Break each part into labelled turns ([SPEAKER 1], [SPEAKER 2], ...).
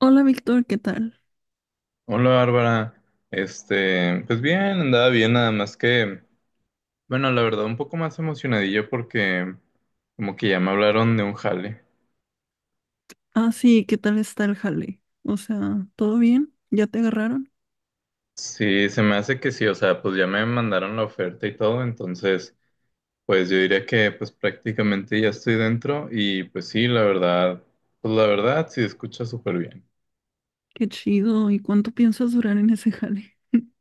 [SPEAKER 1] Hola Víctor, ¿qué tal?
[SPEAKER 2] Hola Bárbara. Pues bien, andaba bien, nada más que, bueno, la verdad, un poco más emocionadillo porque como que ya me hablaron de un jale.
[SPEAKER 1] Ah, sí, ¿qué tal está el jale? O sea, ¿todo bien? ¿Ya te agarraron?
[SPEAKER 2] Sí, se me hace que sí, o sea, pues ya me mandaron la oferta y todo, entonces, pues yo diría que pues prácticamente ya estoy dentro y pues sí, la verdad, pues la verdad sí escucha súper bien.
[SPEAKER 1] Qué chido. ¿Y cuánto piensas durar en ese jale?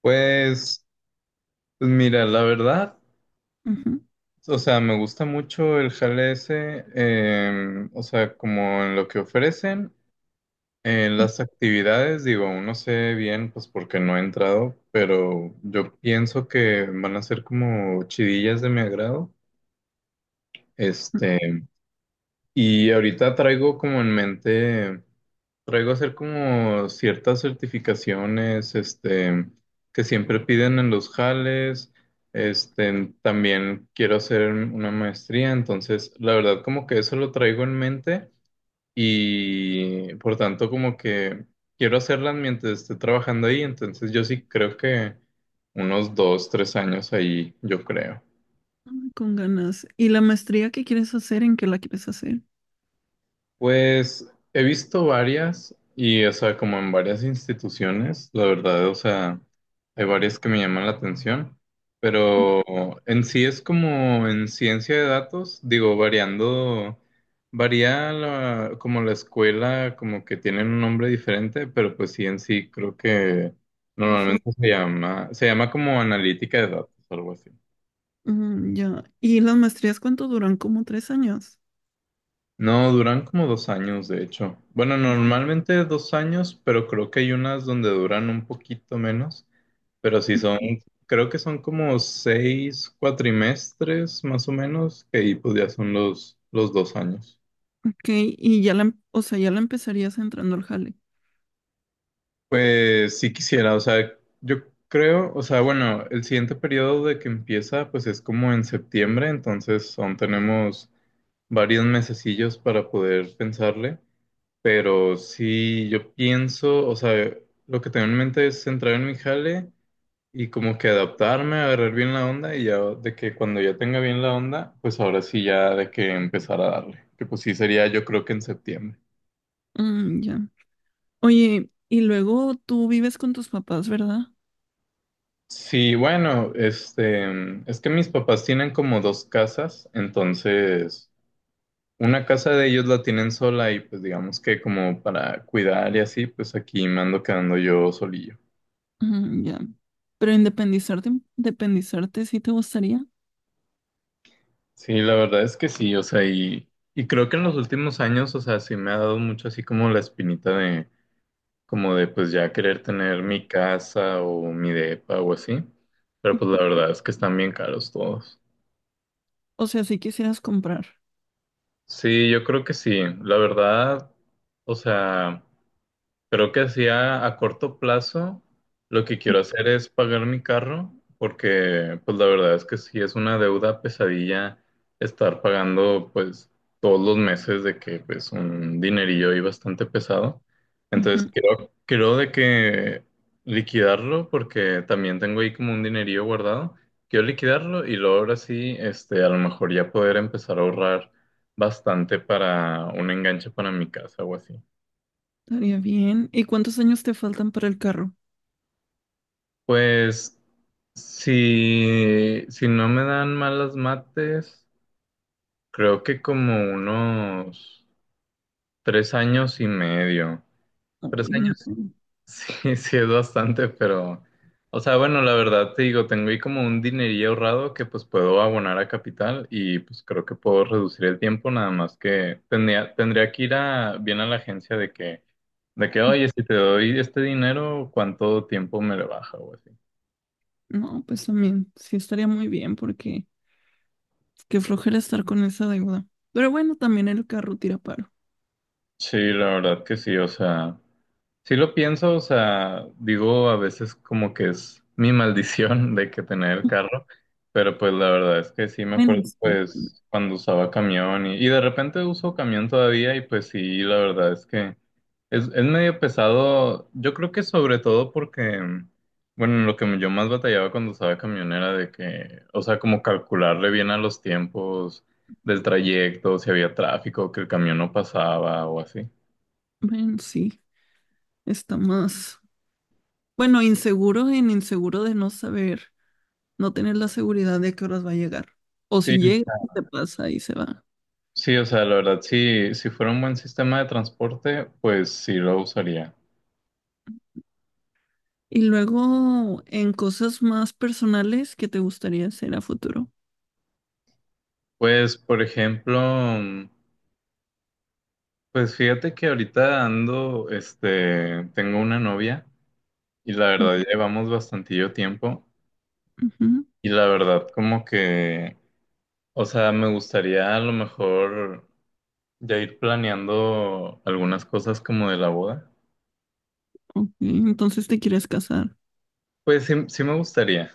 [SPEAKER 2] Pues, pues mira, la verdad,
[SPEAKER 1] Ujú.
[SPEAKER 2] o sea, me gusta mucho el jale ese, o sea, como en lo que ofrecen. En las actividades, digo, aún no sé bien, pues porque no he entrado, pero yo pienso que van a ser como chidillas de mi agrado. Este, y ahorita traigo como en mente, traigo hacer como ciertas certificaciones, que siempre piden en los jales. También quiero hacer una maestría, entonces la verdad como que eso lo traigo en mente y por tanto como que quiero hacerlas mientras esté trabajando ahí, entonces yo sí creo que unos 2, 3 años ahí, yo creo.
[SPEAKER 1] Mm, con ganas. ¿Y la maestría que quieres hacer? ¿En qué la quieres hacer?
[SPEAKER 2] Pues he visto varias y, o sea, como en varias instituciones, la verdad, o sea, hay varias que me llaman la atención,
[SPEAKER 1] Mm,
[SPEAKER 2] pero en sí es como en ciencia de datos, digo, variando, como la escuela, como que tienen un nombre diferente, pero pues sí, en sí creo que
[SPEAKER 1] pues es-
[SPEAKER 2] normalmente se llama como analítica de datos, algo así.
[SPEAKER 1] mm, ya. ¿Y las maestrías cuánto duran? ¿Como tres años?
[SPEAKER 2] No, duran como 2 años, de hecho. Bueno,
[SPEAKER 1] Mm.
[SPEAKER 2] normalmente 2 años, pero creo que hay unas donde duran un poquito menos. Pero sí son, creo que son como 6 cuatrimestres más o menos, que ahí pues ya son los 2 años.
[SPEAKER 1] Ok, y ya o sea, ya la empezarías entrando al jale.
[SPEAKER 2] Pues sí quisiera, o sea, yo creo, o sea, bueno, el siguiente periodo de que empieza pues es como en septiembre, entonces aún tenemos varios mesecillos para poder pensarle. Pero sí, yo pienso, o sea, lo que tengo en mente es entrar en mi jale y como que adaptarme, agarrar bien la onda y ya de que cuando ya tenga bien la onda, pues ahora sí ya de que empezar a darle. Que pues sí sería yo creo que en septiembre.
[SPEAKER 1] Mm, ya. Oye, y luego tú vives con tus papás, ¿verdad?
[SPEAKER 2] Sí, bueno, es que mis papás tienen como dos casas, entonces una casa de ellos la tienen sola y pues digamos que como para cuidar y así, pues aquí me ando quedando yo solillo.
[SPEAKER 1] Ujú, ya. Pero independizarte, independizarte sí te gustaría.
[SPEAKER 2] Sí, la verdad es que sí, o sea, y creo que en los últimos años, o sea, sí me ha dado mucho así como la espinita de, como de pues ya querer tener mi casa o mi depa o así, pero pues la verdad es que están bien caros todos.
[SPEAKER 1] O sea, si quisieras comprar.
[SPEAKER 2] Sí, yo creo que sí, la verdad, o sea. Creo que así a corto plazo lo que quiero hacer es pagar mi carro porque pues la verdad es que sí es una deuda pesadilla estar pagando pues todos los meses de que pues un dinerillo ahí bastante pesado. Entonces
[SPEAKER 1] Ujú,
[SPEAKER 2] creo de que liquidarlo porque también tengo ahí como un dinerillo guardado. Quiero liquidarlo y luego ahora sí a lo mejor ya poder empezar a ahorrar bastante para un enganche para mi casa o así.
[SPEAKER 1] estaría bien. ¿Y cuántos años te faltan para el carro?
[SPEAKER 2] Pues Si no me dan malas mates, creo que como unos 3 años y medio. Tres
[SPEAKER 1] Uy, un-
[SPEAKER 2] años, sí, sí es bastante, pero, o sea, bueno, la verdad te digo, tengo ahí como un dinerillo ahorrado que pues puedo abonar a capital y pues creo que puedo reducir el tiempo, nada más que tendría que ir bien a la agencia de que, oye, si te doy este dinero, ¿cuánto tiempo me lo baja o así?
[SPEAKER 1] No, pues también sí estaría muy bien porque qué flojera estar con esa deuda. Pero bueno, también el carro tira paro.
[SPEAKER 2] Sí, la verdad que sí, o sea. Sí lo pienso, o sea, digo a veces como que es mi maldición de que tener el carro, pero pues la verdad es que sí me
[SPEAKER 1] Buen
[SPEAKER 2] acuerdo
[SPEAKER 1] descuento.
[SPEAKER 2] pues cuando usaba camión y de repente uso camión todavía y pues sí, la verdad es que es medio pesado, yo creo que sobre todo porque, bueno, lo que yo más batallaba cuando usaba camión era de que, o sea, como calcularle bien a los tiempos del trayecto, si había tráfico, que el camión no pasaba o así.
[SPEAKER 1] Bueno, sí, está más. Bueno, inseguro de no saber, no tener la seguridad de que horas va a llegar. O
[SPEAKER 2] Sí,
[SPEAKER 1] si llega, te pasa y se va.
[SPEAKER 2] sí, o sea, la verdad, sí, si fuera un buen sistema de transporte, pues sí lo usaría.
[SPEAKER 1] Y luego en cosas más personales que te gustaría hacer a futuro.
[SPEAKER 2] Pues, por ejemplo, pues fíjate que ahorita ando, tengo una novia y la verdad
[SPEAKER 1] Ujú,
[SPEAKER 2] llevamos bastantillo tiempo
[SPEAKER 1] ujú,
[SPEAKER 2] y la verdad como que, o sea, me gustaría a lo mejor ya ir planeando algunas cosas como de la boda.
[SPEAKER 1] ok, entonces te quieres casar.
[SPEAKER 2] Pues sí, sí me gustaría.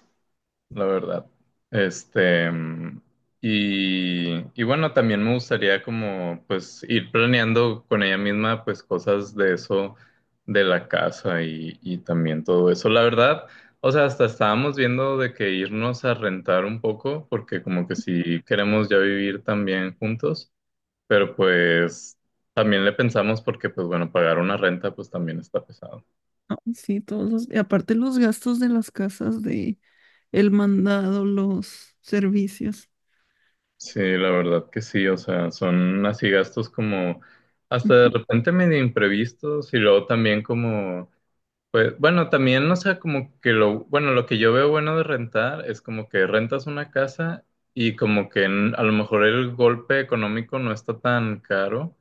[SPEAKER 2] la verdad. Este, mm, y bueno, también me gustaría como pues ir planeando con ella misma pues cosas de eso, de la casa y también todo eso. La verdad, o sea, hasta estábamos viendo de que irnos a rentar un poco, porque como que si queremos ya vivir también juntos, pero pues también le pensamos porque pues bueno, pagar una renta pues también está pesado.
[SPEAKER 1] Ah, sí, todos los, y aparte los gastos de las casas, de el mandado, los servicios.
[SPEAKER 2] Sí, la verdad que sí, o sea, son así gastos como hasta de
[SPEAKER 1] Ujú,
[SPEAKER 2] repente medio imprevistos y luego también como, pues bueno, también, o sea, como que bueno, lo que yo veo bueno de rentar es como que rentas una casa y como que a lo mejor el golpe económico no está tan caro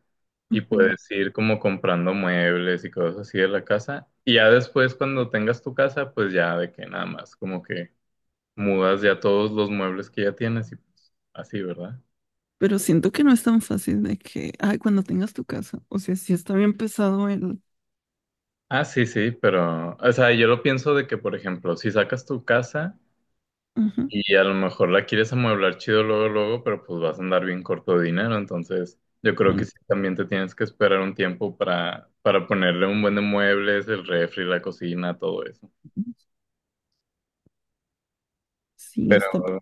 [SPEAKER 2] y
[SPEAKER 1] ujú.
[SPEAKER 2] puedes ir como comprando muebles y cosas así de la casa y ya después cuando tengas tu casa, pues ya de que nada más, como que mudas ya todos los muebles que ya tienes y pues así, ¿verdad?
[SPEAKER 1] Pero siento que no es tan fácil de que, ay, cuando tengas tu casa. O sea, sí está bien pesado el.
[SPEAKER 2] Ah, sí, sí, pero, o sea, yo lo pienso de que, por ejemplo, si sacas tu casa
[SPEAKER 1] Ujú,
[SPEAKER 2] y a lo mejor la quieres amueblar chido luego, luego, pero pues vas a andar bien corto de dinero, entonces yo creo que
[SPEAKER 1] Bueno,
[SPEAKER 2] sí, también te tienes que esperar un tiempo para, ponerle un buen de muebles, el refri, la cocina, todo eso.
[SPEAKER 1] sí
[SPEAKER 2] Pero
[SPEAKER 1] está. pe-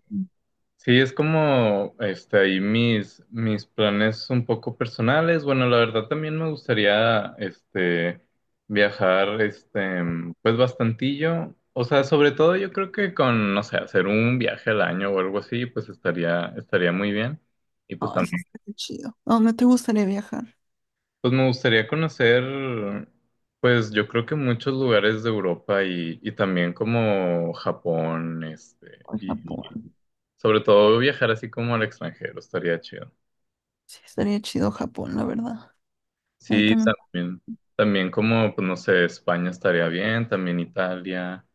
[SPEAKER 2] sí, es como ahí mis planes un poco personales. Bueno, la verdad también me gustaría viajar pues bastantillo. O sea, sobre todo yo creo que con, no sé, hacer un viaje al año o algo así, pues estaría muy bien. Y pues
[SPEAKER 1] ay, sí
[SPEAKER 2] también,
[SPEAKER 1] estaría chido. ¿A dónde te gustaría viajar?
[SPEAKER 2] pues me gustaría conocer, pues yo creo que muchos lugares de Europa y también como Japón,
[SPEAKER 1] Ay,
[SPEAKER 2] y
[SPEAKER 1] Japón.
[SPEAKER 2] sobre todo viajar así como al extranjero, estaría chido.
[SPEAKER 1] Sí, estaría chido Japón, la verdad. Ahí
[SPEAKER 2] Sí,
[SPEAKER 1] también
[SPEAKER 2] también. También como, pues no sé, España estaría bien, también Italia.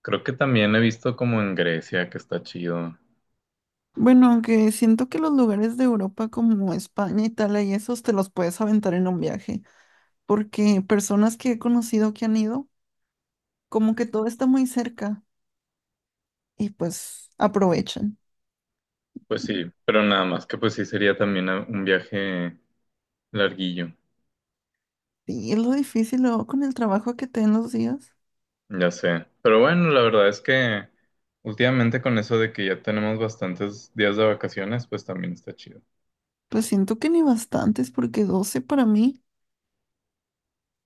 [SPEAKER 2] Creo que también he visto como en Grecia que está chido.
[SPEAKER 1] bueno, aunque siento que los lugares de Europa como España, Italia y esos te los puedes aventar en un viaje, porque personas que he conocido que han ido, como que todo está muy cerca y pues aprovechan.
[SPEAKER 2] Pues sí, pero nada más que pues sí sería también un viaje larguillo,
[SPEAKER 1] Y es lo difícil luego con el trabajo que te den los días,
[SPEAKER 2] ya sé. Pero bueno, la verdad es que últimamente con eso de que ya tenemos bastantes días de vacaciones, pues también está chido.
[SPEAKER 1] pues siento que ni bastantes, porque 12 para mí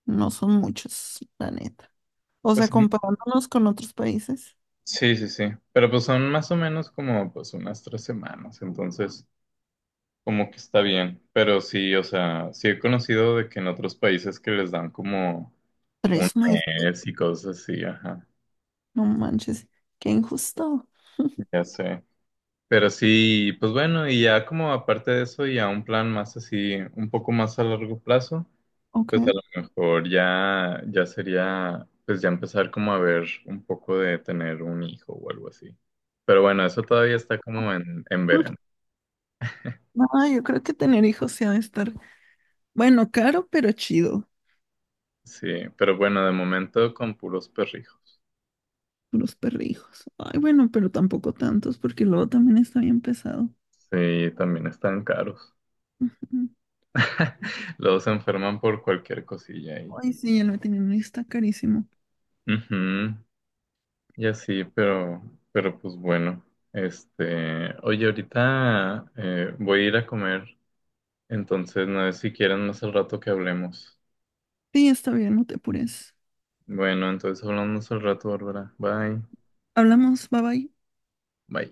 [SPEAKER 1] no son muchos, la neta. O
[SPEAKER 2] Pues
[SPEAKER 1] sea,
[SPEAKER 2] son-
[SPEAKER 1] comparándonos con otros países,
[SPEAKER 2] sí, sí, sí. Pero pues son más o menos como pues unas 3 semanas, entonces. Como que está bien, pero sí, o sea, sí he conocido de que en otros países que les dan como un
[SPEAKER 1] tres meses,
[SPEAKER 2] mes y cosas así, ajá,
[SPEAKER 1] no manches, qué injusto.
[SPEAKER 2] ya sé. Pero sí, pues bueno, y ya como aparte de eso, ya un plan más así, un poco más a largo plazo,
[SPEAKER 1] Ok.
[SPEAKER 2] pues a lo mejor ya sería, pues ya empezar como a ver un poco de tener un hijo o algo así. Pero bueno, eso todavía está como en verano.
[SPEAKER 1] No, yo creo que tener hijos se ha de estar bueno, caro, pero chido.
[SPEAKER 2] Sí, pero bueno, de momento con puros perrijos.
[SPEAKER 1] Los perrijos. Ay, bueno, pero tampoco tantos, porque luego también está bien pesado.
[SPEAKER 2] Sí, también están caros.
[SPEAKER 1] Ujú.
[SPEAKER 2] Los enferman por cualquier cosilla y,
[SPEAKER 1] Ay, sí, el veterinario está carísimo.
[SPEAKER 2] Ujú, y así, pero, pues bueno. Oye, ahorita voy a ir a comer, entonces no sé si quieren más al rato que hablemos.
[SPEAKER 1] Sí, está bien, no te apures.
[SPEAKER 2] Bueno, entonces hablamos al rato, Bárbara. Bye.
[SPEAKER 1] Hablamos, bye bye.
[SPEAKER 2] Bye.